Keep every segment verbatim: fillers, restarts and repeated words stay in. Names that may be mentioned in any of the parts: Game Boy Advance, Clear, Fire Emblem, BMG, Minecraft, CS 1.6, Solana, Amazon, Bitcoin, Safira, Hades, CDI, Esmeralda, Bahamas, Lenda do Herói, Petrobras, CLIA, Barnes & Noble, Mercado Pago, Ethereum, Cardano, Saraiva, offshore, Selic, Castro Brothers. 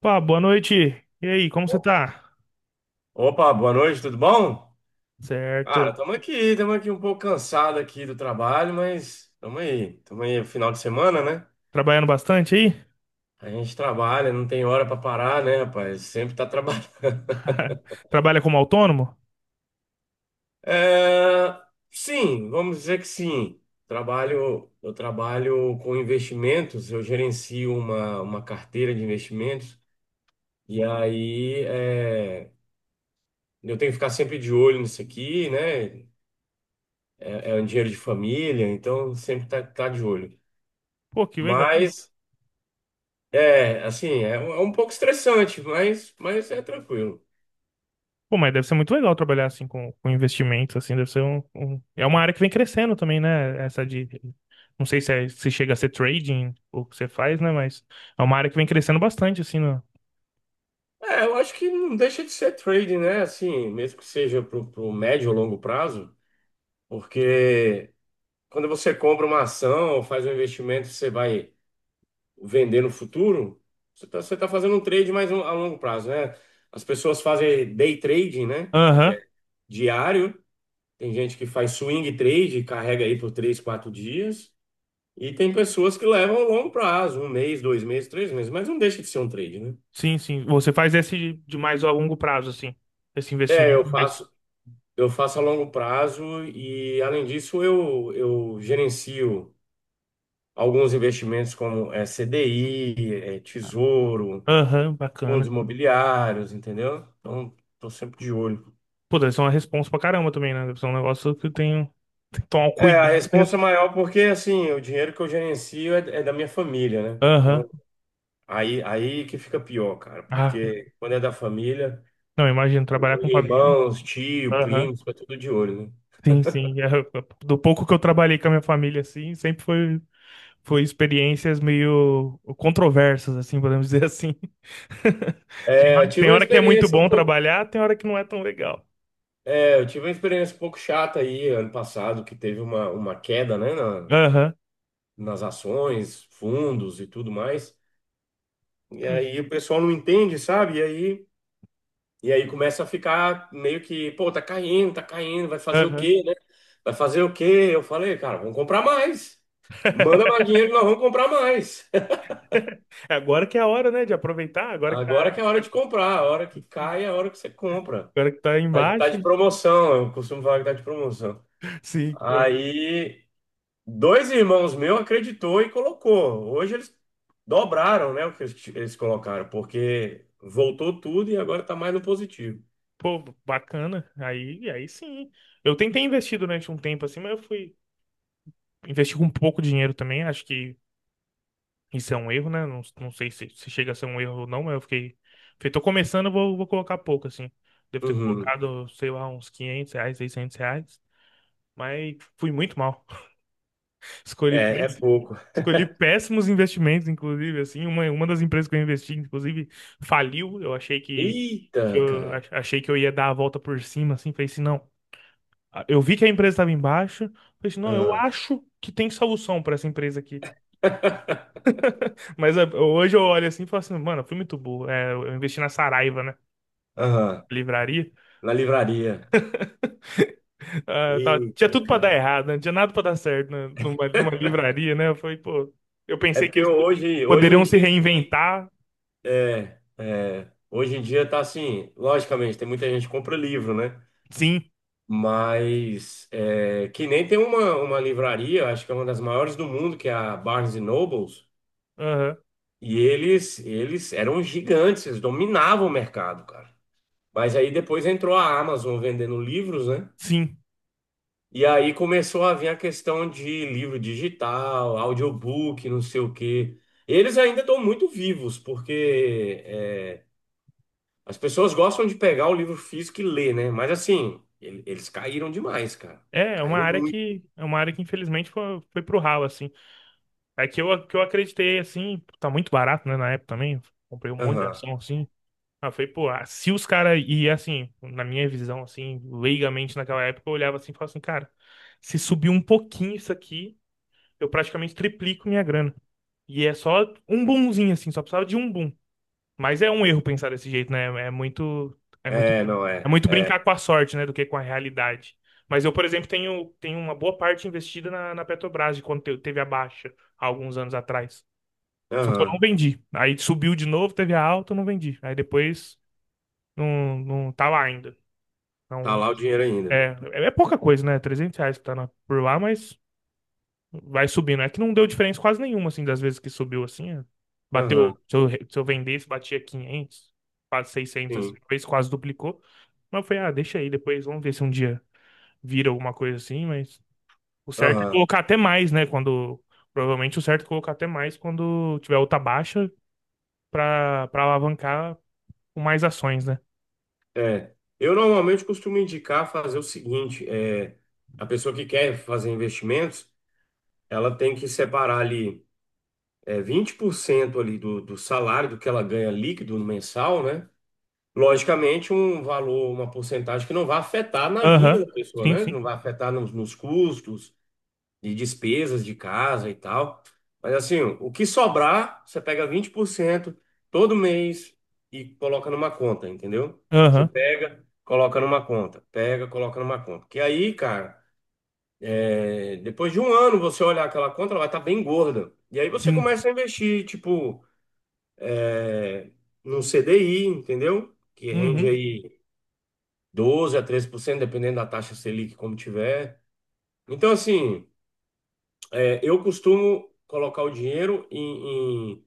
Pá, boa noite. E aí, como você O- tá? Opa, boa noite, tudo bom? Certo. Cara, estamos aqui, estamos aqui um pouco cansado aqui do trabalho, mas estamos aí, estamos aí, final de semana, né? Trabalhando bastante aí? A gente trabalha, não tem hora para parar, né, rapaz? Sempre tá trabalhando. Trabalha como autônomo? É, sim, vamos dizer que sim. Trabalho, eu trabalho com investimentos, eu gerencio uma, uma carteira de investimentos. E aí é, eu tenho que ficar sempre de olho nisso aqui, né? É um dinheiro de família, então sempre tá, tá de olho. Pô, que legal. Mas É, assim, é, um é um pouco estressante, mas, mas é tranquilo. Pô, mas deve ser muito legal trabalhar assim com, com investimentos, assim, deve ser um, um- é uma área que vem crescendo também, né? Essa de. Não sei se, é- se chega a ser trading, ou o que você faz, né? Mas é uma área que vem crescendo bastante, assim, no... É, eu acho que não deixa de ser trading, né? Assim, mesmo que seja pro, pro médio ou longo prazo, porque quando você compra uma ação ou faz um investimento, você vai vender no futuro, você tá, você tá fazendo um trade mais um- a longo prazo, né? As pessoas fazem day trading, né? Que Aham. é diário. Tem gente que faz swing trade, carrega aí por três, quatro dias. E tem pessoas que levam a longo prazo, um mês, dois meses, três meses, mas não deixa de ser um trade, né? Sim, sim. Você faz esse de mais a longo prazo, assim. Esse É, eu investimento. mais- faço, eu faço a longo prazo e, além disso, eu, eu gerencio alguns investimentos como é, C D I, é, tesouro, Aham, fundos bacana. imobiliários, entendeu? Então, estou sempre de olho. Pô, deve ser uma responsa pra caramba também, né? Deve ser um negócio que eu tenho, tem que tomar um É, a cuidado. responsa é maior porque, assim, o dinheiro que eu gerencio é, é da minha família, né? Aham. Então, aí, aí que fica pior, cara, Ah, porque quando é da família. não, imagino trabalhar com família. Irmãos, tio, Aham. primos, foi tudo de olho, né? Sim, sim. É, do pouco que eu trabalhei com a minha família, assim, sempre foi, foi experiências meio controversas, assim, podemos dizer assim. Tem É, eu hora, tive tem uma hora que é muito experiência um bom pouco, trabalhar, tem hora que não é tão legal. é, eu tive uma experiência um pouco chata aí ano passado, que teve uma, uma queda, né, na- Aham. nas ações, fundos e tudo mais. E aí o pessoal não entende, sabe? E aí, e aí começa a ficar meio que, pô, tá caindo, tá caindo, vai fazer o Aham. quê, né? Vai fazer o quê? Eu falei, cara, vamos comprar mais. Manda mais dinheiro, que nós vamos comprar mais. Agora que é a hora, né, de aproveitar, agora que tá, Agora que é a hora de comprar, a hora que cai é a hora que você compra. agora que tá Tá, tá embaixo. de promoção, eu costumo falar que tá de promoção. Sim. Então, Aí, dois irmãos meus acreditou e colocou. Hoje eles dobraram, né, o que eles eles colocaram, porque voltou tudo e agora tá mais no positivo. pô, bacana. Aí, aí sim. Eu tentei investir durante um tempo assim, mas eu fui investir com pouco dinheiro também. Acho que isso é um erro, né? Não, não sei se, se chega a ser um erro ou não, mas eu fiquei. Falei, tô começando, vou, vou colocar pouco, assim. Devo ter Uhum. colocado, sei lá, uns quinhentos reais, seiscentos reais. Mas fui muito mal. Escolhi É, é péss- pouco. Escolhi péssimos investimentos, inclusive, assim, uma, uma das empresas que eu investi, inclusive, faliu. Eu achei que, que Eita, eu cara. ach- achei que eu ia dar a volta por cima, assim, falei assim, não, eu vi que a empresa estava em baixa. Falei assim, não, eu Ah. acho que tem solução para essa empresa aqui. Mas é, hoje eu olho assim e falo assim, mano, eu fui muito burro. É, eu investi na Saraiva, né? Na Aham. livraria. Na livraria. Ah, tava- tinha Eita, tudo para dar cara. errado, né? Não tinha nada para dar certo, né? Numa, numa livraria, né? Eu falei, pô, eu É pensei que porque eles pod- hoje, hoje em poderiam se dia ninguém- reinventar. é, é, hoje em dia tá assim, logicamente, tem muita gente que compra livro, né? Sim, Mas é, que nem tem uma, uma livraria, acho que é uma das maiores do mundo, que é a Barnes Nobles, aham, e eles eles eram gigantes, eles dominavam o mercado, cara. Mas aí depois entrou a Amazon vendendo livros, né? sim. E aí começou a vir a questão de livro digital, audiobook, não sei o quê. Eles ainda estão muito vivos, porque é, as pessoas gostam de pegar o livro físico e ler, né? Mas assim, ele- eles caíram demais, cara. É, é uma Caíram área muito. que, é uma área que infelizmente foi, foi pro ralo, assim. É que eu, que eu acreditei, assim, tá muito barato, né, na época também. Comprei um monte de Aham. ação, assim. Aí eu falei, pô, ah, se os caras, e assim, na minha visão, assim, leigamente naquela época, eu olhava assim e falava assim, cara, se subir um pouquinho isso aqui, eu praticamente triplico minha grana. E é só um boomzinho, assim, só precisava de um boom. Mas é um erro pensar desse jeito, né? É muito, é muito, É, não é é. muito É. brincar com a sorte, né, do que com a realidade. Mas eu, por exemplo, tenho, tenho uma boa parte investida na, na Petrobras, de quando te- teve a baixa, há alguns anos atrás. Só que eu não Aham. vendi. Aí subiu de novo, teve a alta, eu não vendi. Aí depois. Não, não tá lá ainda. Tá Então, lá o dinheiro ainda. é, é pouca coisa, né? Trezentos reais que tá na- por lá, mas vai subindo. É que não deu diferença quase nenhuma, assim, das vezes que subiu, assim. É. Bateu, Aham. se eu, se eu vendesse, batia quinhentos, quase seiscentos, assim, Sim. uma vez quase duplicou. Mas eu falei, ah, deixa aí, depois vamos ver se um dia vira alguma coisa assim, mas o certo é Aham. colocar até mais, né? Quando, provavelmente o certo é colocar até mais quando tiver outra baixa pra, pra alavancar com mais ações, né? É. Eu normalmente costumo indicar fazer o seguinte: é, a pessoa que quer fazer investimentos, ela tem que separar ali é, vinte por cento ali do, do salário, do que ela ganha líquido no mensal, né? Logicamente, um valor, uma porcentagem que não vai afetar na vida Aham, da pessoa, sim, né? sim. Não vai afetar nos, nos custos, de despesas de casa e tal. Mas assim, o que sobrar, você pega vinte por cento todo mês e coloca numa conta, entendeu? Você Aham, pega, coloca numa conta, pega, coloca numa conta. Que aí, cara, é, depois de um ano você olhar aquela conta, ela vai estar bem gorda. E aí você sim. começa a investir, tipo, é, num C D I, entendeu? Que rende Uhum. aí doze a treze por cento, dependendo da taxa Selic, como tiver. Então, assim, é, eu costumo colocar o dinheiro em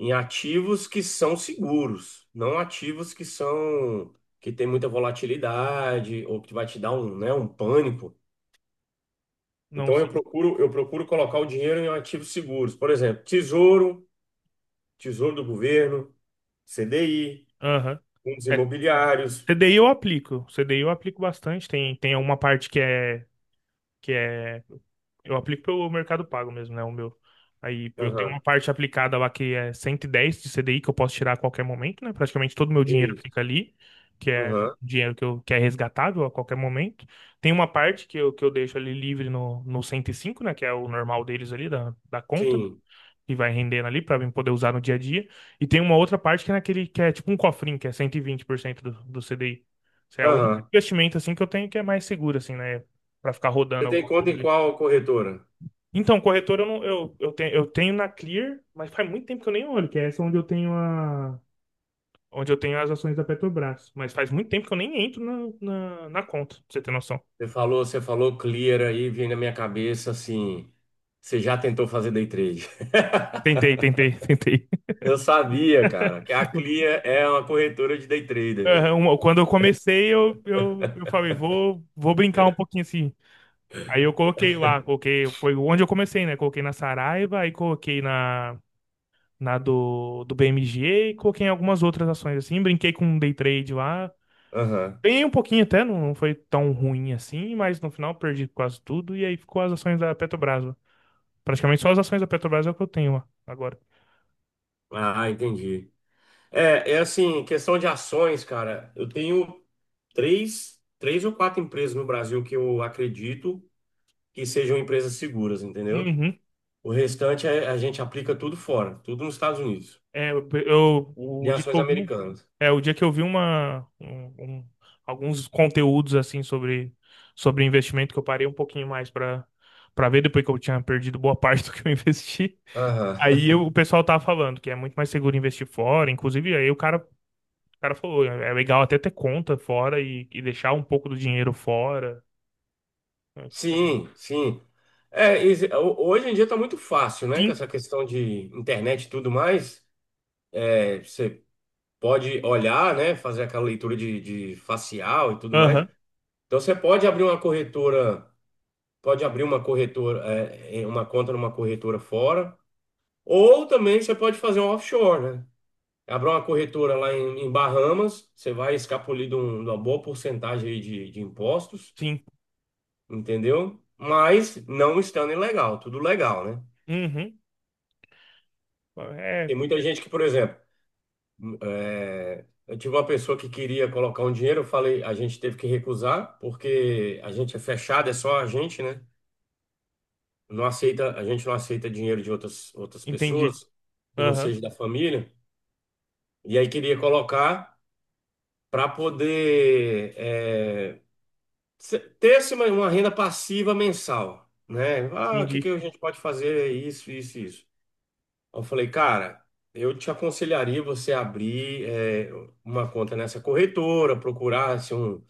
em ativos que são seguros, não ativos que são que tem muita volatilidade ou que vai te dar um, né, um pânico. Não, Então eu sim. procuro eu procuro colocar o dinheiro em ativos seguros, por exemplo, tesouro, tesouro do governo, C D I, Aham. fundos É, imobiliários. C D I eu aplico. C D I eu aplico bastante. Tem, tem uma parte que é, que é. Eu aplico pelo Mercado Pago mesmo, né? O meu. Aí eu tenho uma Aham, parte aplicada lá que é cento e dez de C D I que eu posso tirar a qualquer momento, né? Praticamente todo o meu dinheiro isso. fica ali, que é Aham, dinheiro que, eu, que é resgatável a qualquer momento. Tem uma parte que eu, que eu deixo ali livre no, no cento e cinco, né? Que é o normal deles ali, da, da conta, né, sim. e vai rendendo ali para poder usar no dia a dia. E tem uma outra parte que é naquele que é tipo um cofrinho, que é cento e vinte por cento do, do C D I. Isso é o único Aham. investimento assim que eu tenho que é mais seguro assim, né, para ficar rodando Você tem alguma conta coisa em ali. qual corretora? Então, corretor eu não eu, eu tenho eu tenho na Clear, mas faz muito tempo que eu nem olho, que é essa onde eu tenho a onde eu tenho as ações da Petrobras, mas faz muito tempo que eu nem entro na, na, na conta, pra você ter noção. Você falou, você falou Clear aí, vem na minha cabeça assim, você já tentou fazer day trade? Tentei, tentei, tentei. Eu sabia, cara, que a Clia é uma corretora de day trader, Aham. velho. uma- Quando eu comecei, eu, eu, eu falei, vou, vou brincar um pouquinho assim. Aí eu coloquei lá, coloquei, foi onde eu comecei, né? Coloquei na Saraiva, aí coloquei na, na do, do B M G e coloquei em algumas outras ações assim. Brinquei com um day trade lá. Aham. Ganhei um pouquinho até, não, não foi tão ruim assim, mas no final perdi quase tudo e aí ficou as ações da Petrobras lá. Praticamente só as ações da Petrobras é o que eu tenho lá agora. Ah, entendi. É, é assim, questão de ações, cara. Eu tenho três, três ou quatro empresas no Brasil que eu acredito que sejam empresas seguras, entendeu? Uhum. O restante é- a gente aplica tudo fora, tudo nos Estados Unidos, É, eu, eu- em o dia que ações eu vi. um americanas. É, o dia que eu vi uma, um- um- alguns conteúdos assim sobre, sobre investimento que eu parei um pouquinho mais para para ver depois que eu tinha perdido boa parte do que eu investi. Aham. Aí eu- o pessoal tava falando que é muito mais seguro investir fora, inclusive aí o cara, o cara falou, é é legal até ter conta fora e, e deixar um pouco do dinheiro fora. Sim, sim. É, e se- ho- hoje em dia tá muito fácil, né? Com Sim, essa questão de internet e tudo mais. Pode olhar, né, fazer aquela leitura de, de facial e tudo mais. aham, Então você pode abrir uma corretora, pode abrir uma corretora, é, em uma conta numa corretora fora, ou também você pode fazer um offshore, né? Abrir uma corretora lá em, em Bahamas, você vai escapulir de, um- de uma boa porcentagem aí de, de impostos, sim, entendeu? Mas não estando ilegal, tudo legal, né? uhum, é, Tem muita gente que, por exemplo, é, eu tive uma pessoa que queria colocar um dinheiro, eu falei, a gente teve que recusar, porque a gente é fechado, é só a gente, né? Não aceita, a gente não aceita dinheiro de outras, outras entendi, pessoas, que não aham, seja da família. E aí queria colocar para poder é, se- ter assim, uma uma renda passiva mensal, né? Ah, o que que entendi, a gente pode fazer? Isso, isso, isso. Eu falei, cara, eu te aconselharia você abrir é, uma conta nessa corretora, procurar assim, um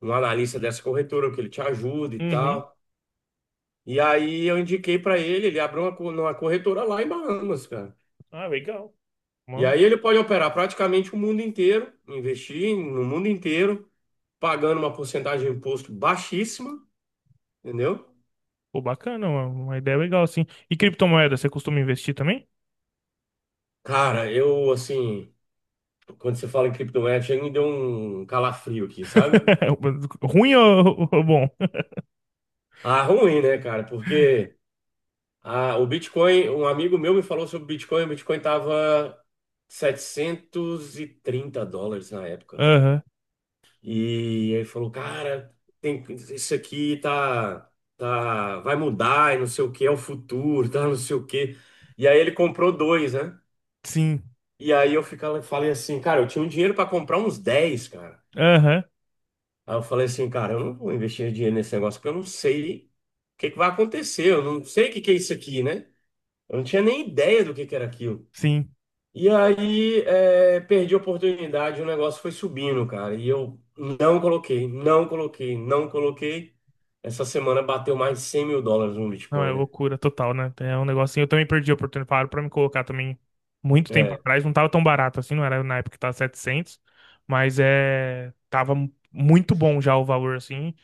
um analista dessa corretora, que ele te ajuda e uhum, tal. E aí eu indiquei para ele, ele abriu uma, co- uma corretora lá em Bahamas, cara. ah, legal. E aí ele pode operar praticamente o mundo inteiro, investir no mundo inteiro, pagando uma porcentagem de imposto baixíssima, entendeu? Pô, bacana, uma, uma ideia legal, assim. E criptomoeda, você costuma investir também? Cara, eu assim, quando você fala em criptomoeda, chega e me deu um calafrio aqui, sabe? Ruim ou, ou bom? Ah, ruim, né, cara? Porque ah, o Bitcoin, um amigo meu me falou sobre o Bitcoin. O Bitcoin tava setecentos e trinta dólares na época. Aham, E ele falou, cara, tem, isso aqui tá, tá, vai mudar e não sei o que, é o futuro, tá, não sei o que. E aí ele comprou dois, né? sim. E aí eu ficava, falei assim, cara, eu tinha um dinheiro para comprar uns dez cara. Aham, Aí eu falei assim, cara, eu não vou investir dinheiro nesse negócio porque eu não sei o que que vai acontecer, eu não sei o que que é isso aqui, né? Eu não tinha nem ideia do que que era aquilo. sim. E aí, é, perdi a oportunidade, o negócio foi subindo, cara. E eu não coloquei, não coloquei, não coloquei. Essa semana bateu mais de cem mil dólares no Não, é Bitcoin, né? loucura total, né? É um negócio assim. Eu também perdi a oportunidade para me colocar também muito tempo É, atrás. Não tava tão barato assim, não era na época que tava setecentos, mas é. Tava mu- muito bom já o valor, assim.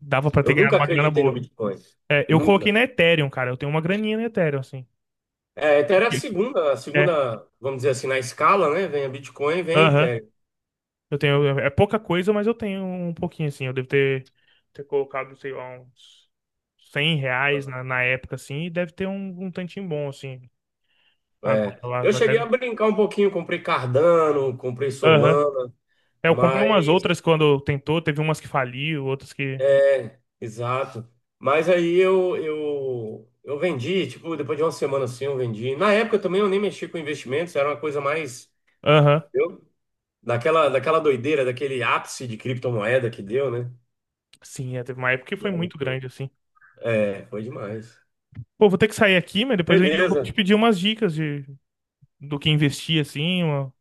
Dava para ter eu ganhado nunca uma grana acreditei no boa. Bitcoin. É, eu coloquei Nunca. na Ethereum, cara. Eu tenho uma graninha na Ethereum, assim. É, Ethereum é a Ok. segunda, a É. segunda, vamos dizer assim, na escala, né? Vem a Bitcoin, vem a Aham. Ethereum. Eu tenho, é é pouca coisa, mas eu tenho um pouquinho, assim. Eu devo ter, ter colocado, sei lá, uns cem reais na, na época, assim, e deve ter um, um tantinho bom, assim, É, agora lá. eu vai- cheguei Deve... a brincar um pouquinho, comprei Cardano, comprei Aham. Solana, É, eu comprei mas umas outras quando tentou, teve umas que faliu, outras que... é, exato. Mas aí eu, eu, eu vendi, tipo, depois de uma semana assim, eu vendi. Na época também eu nem mexi com investimentos, era uma coisa mais, Aham. entendeu? Daquela, daquela doideira, daquele ápice de criptomoeda que deu, né? Sim, é, teve uma época que E foi aí muito foi. grande, assim. É, foi demais. Pô, vou ter que sair aqui, mas depois eu vou te Beleza. pedir umas dicas de, do que investir, assim, uma-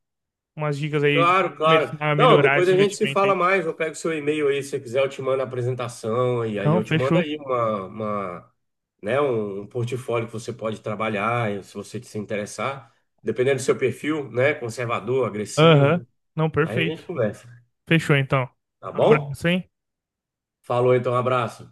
umas dicas aí de Claro, começar claro. a Não, melhorar depois esse a gente se investimento fala aí. mais. Eu pego seu e-mail aí, se você quiser, eu te mando a apresentação e aí Não, eu te mando fechou. aí uma, uma, né, um, um portfólio que você pode trabalhar, e se você se interessar, dependendo do seu perfil, né, conservador, Aham. agressivo. Não, Aí a gente perfeito. conversa, Fechou então. tá Um bom? abraço, hein? Falou então, um abraço.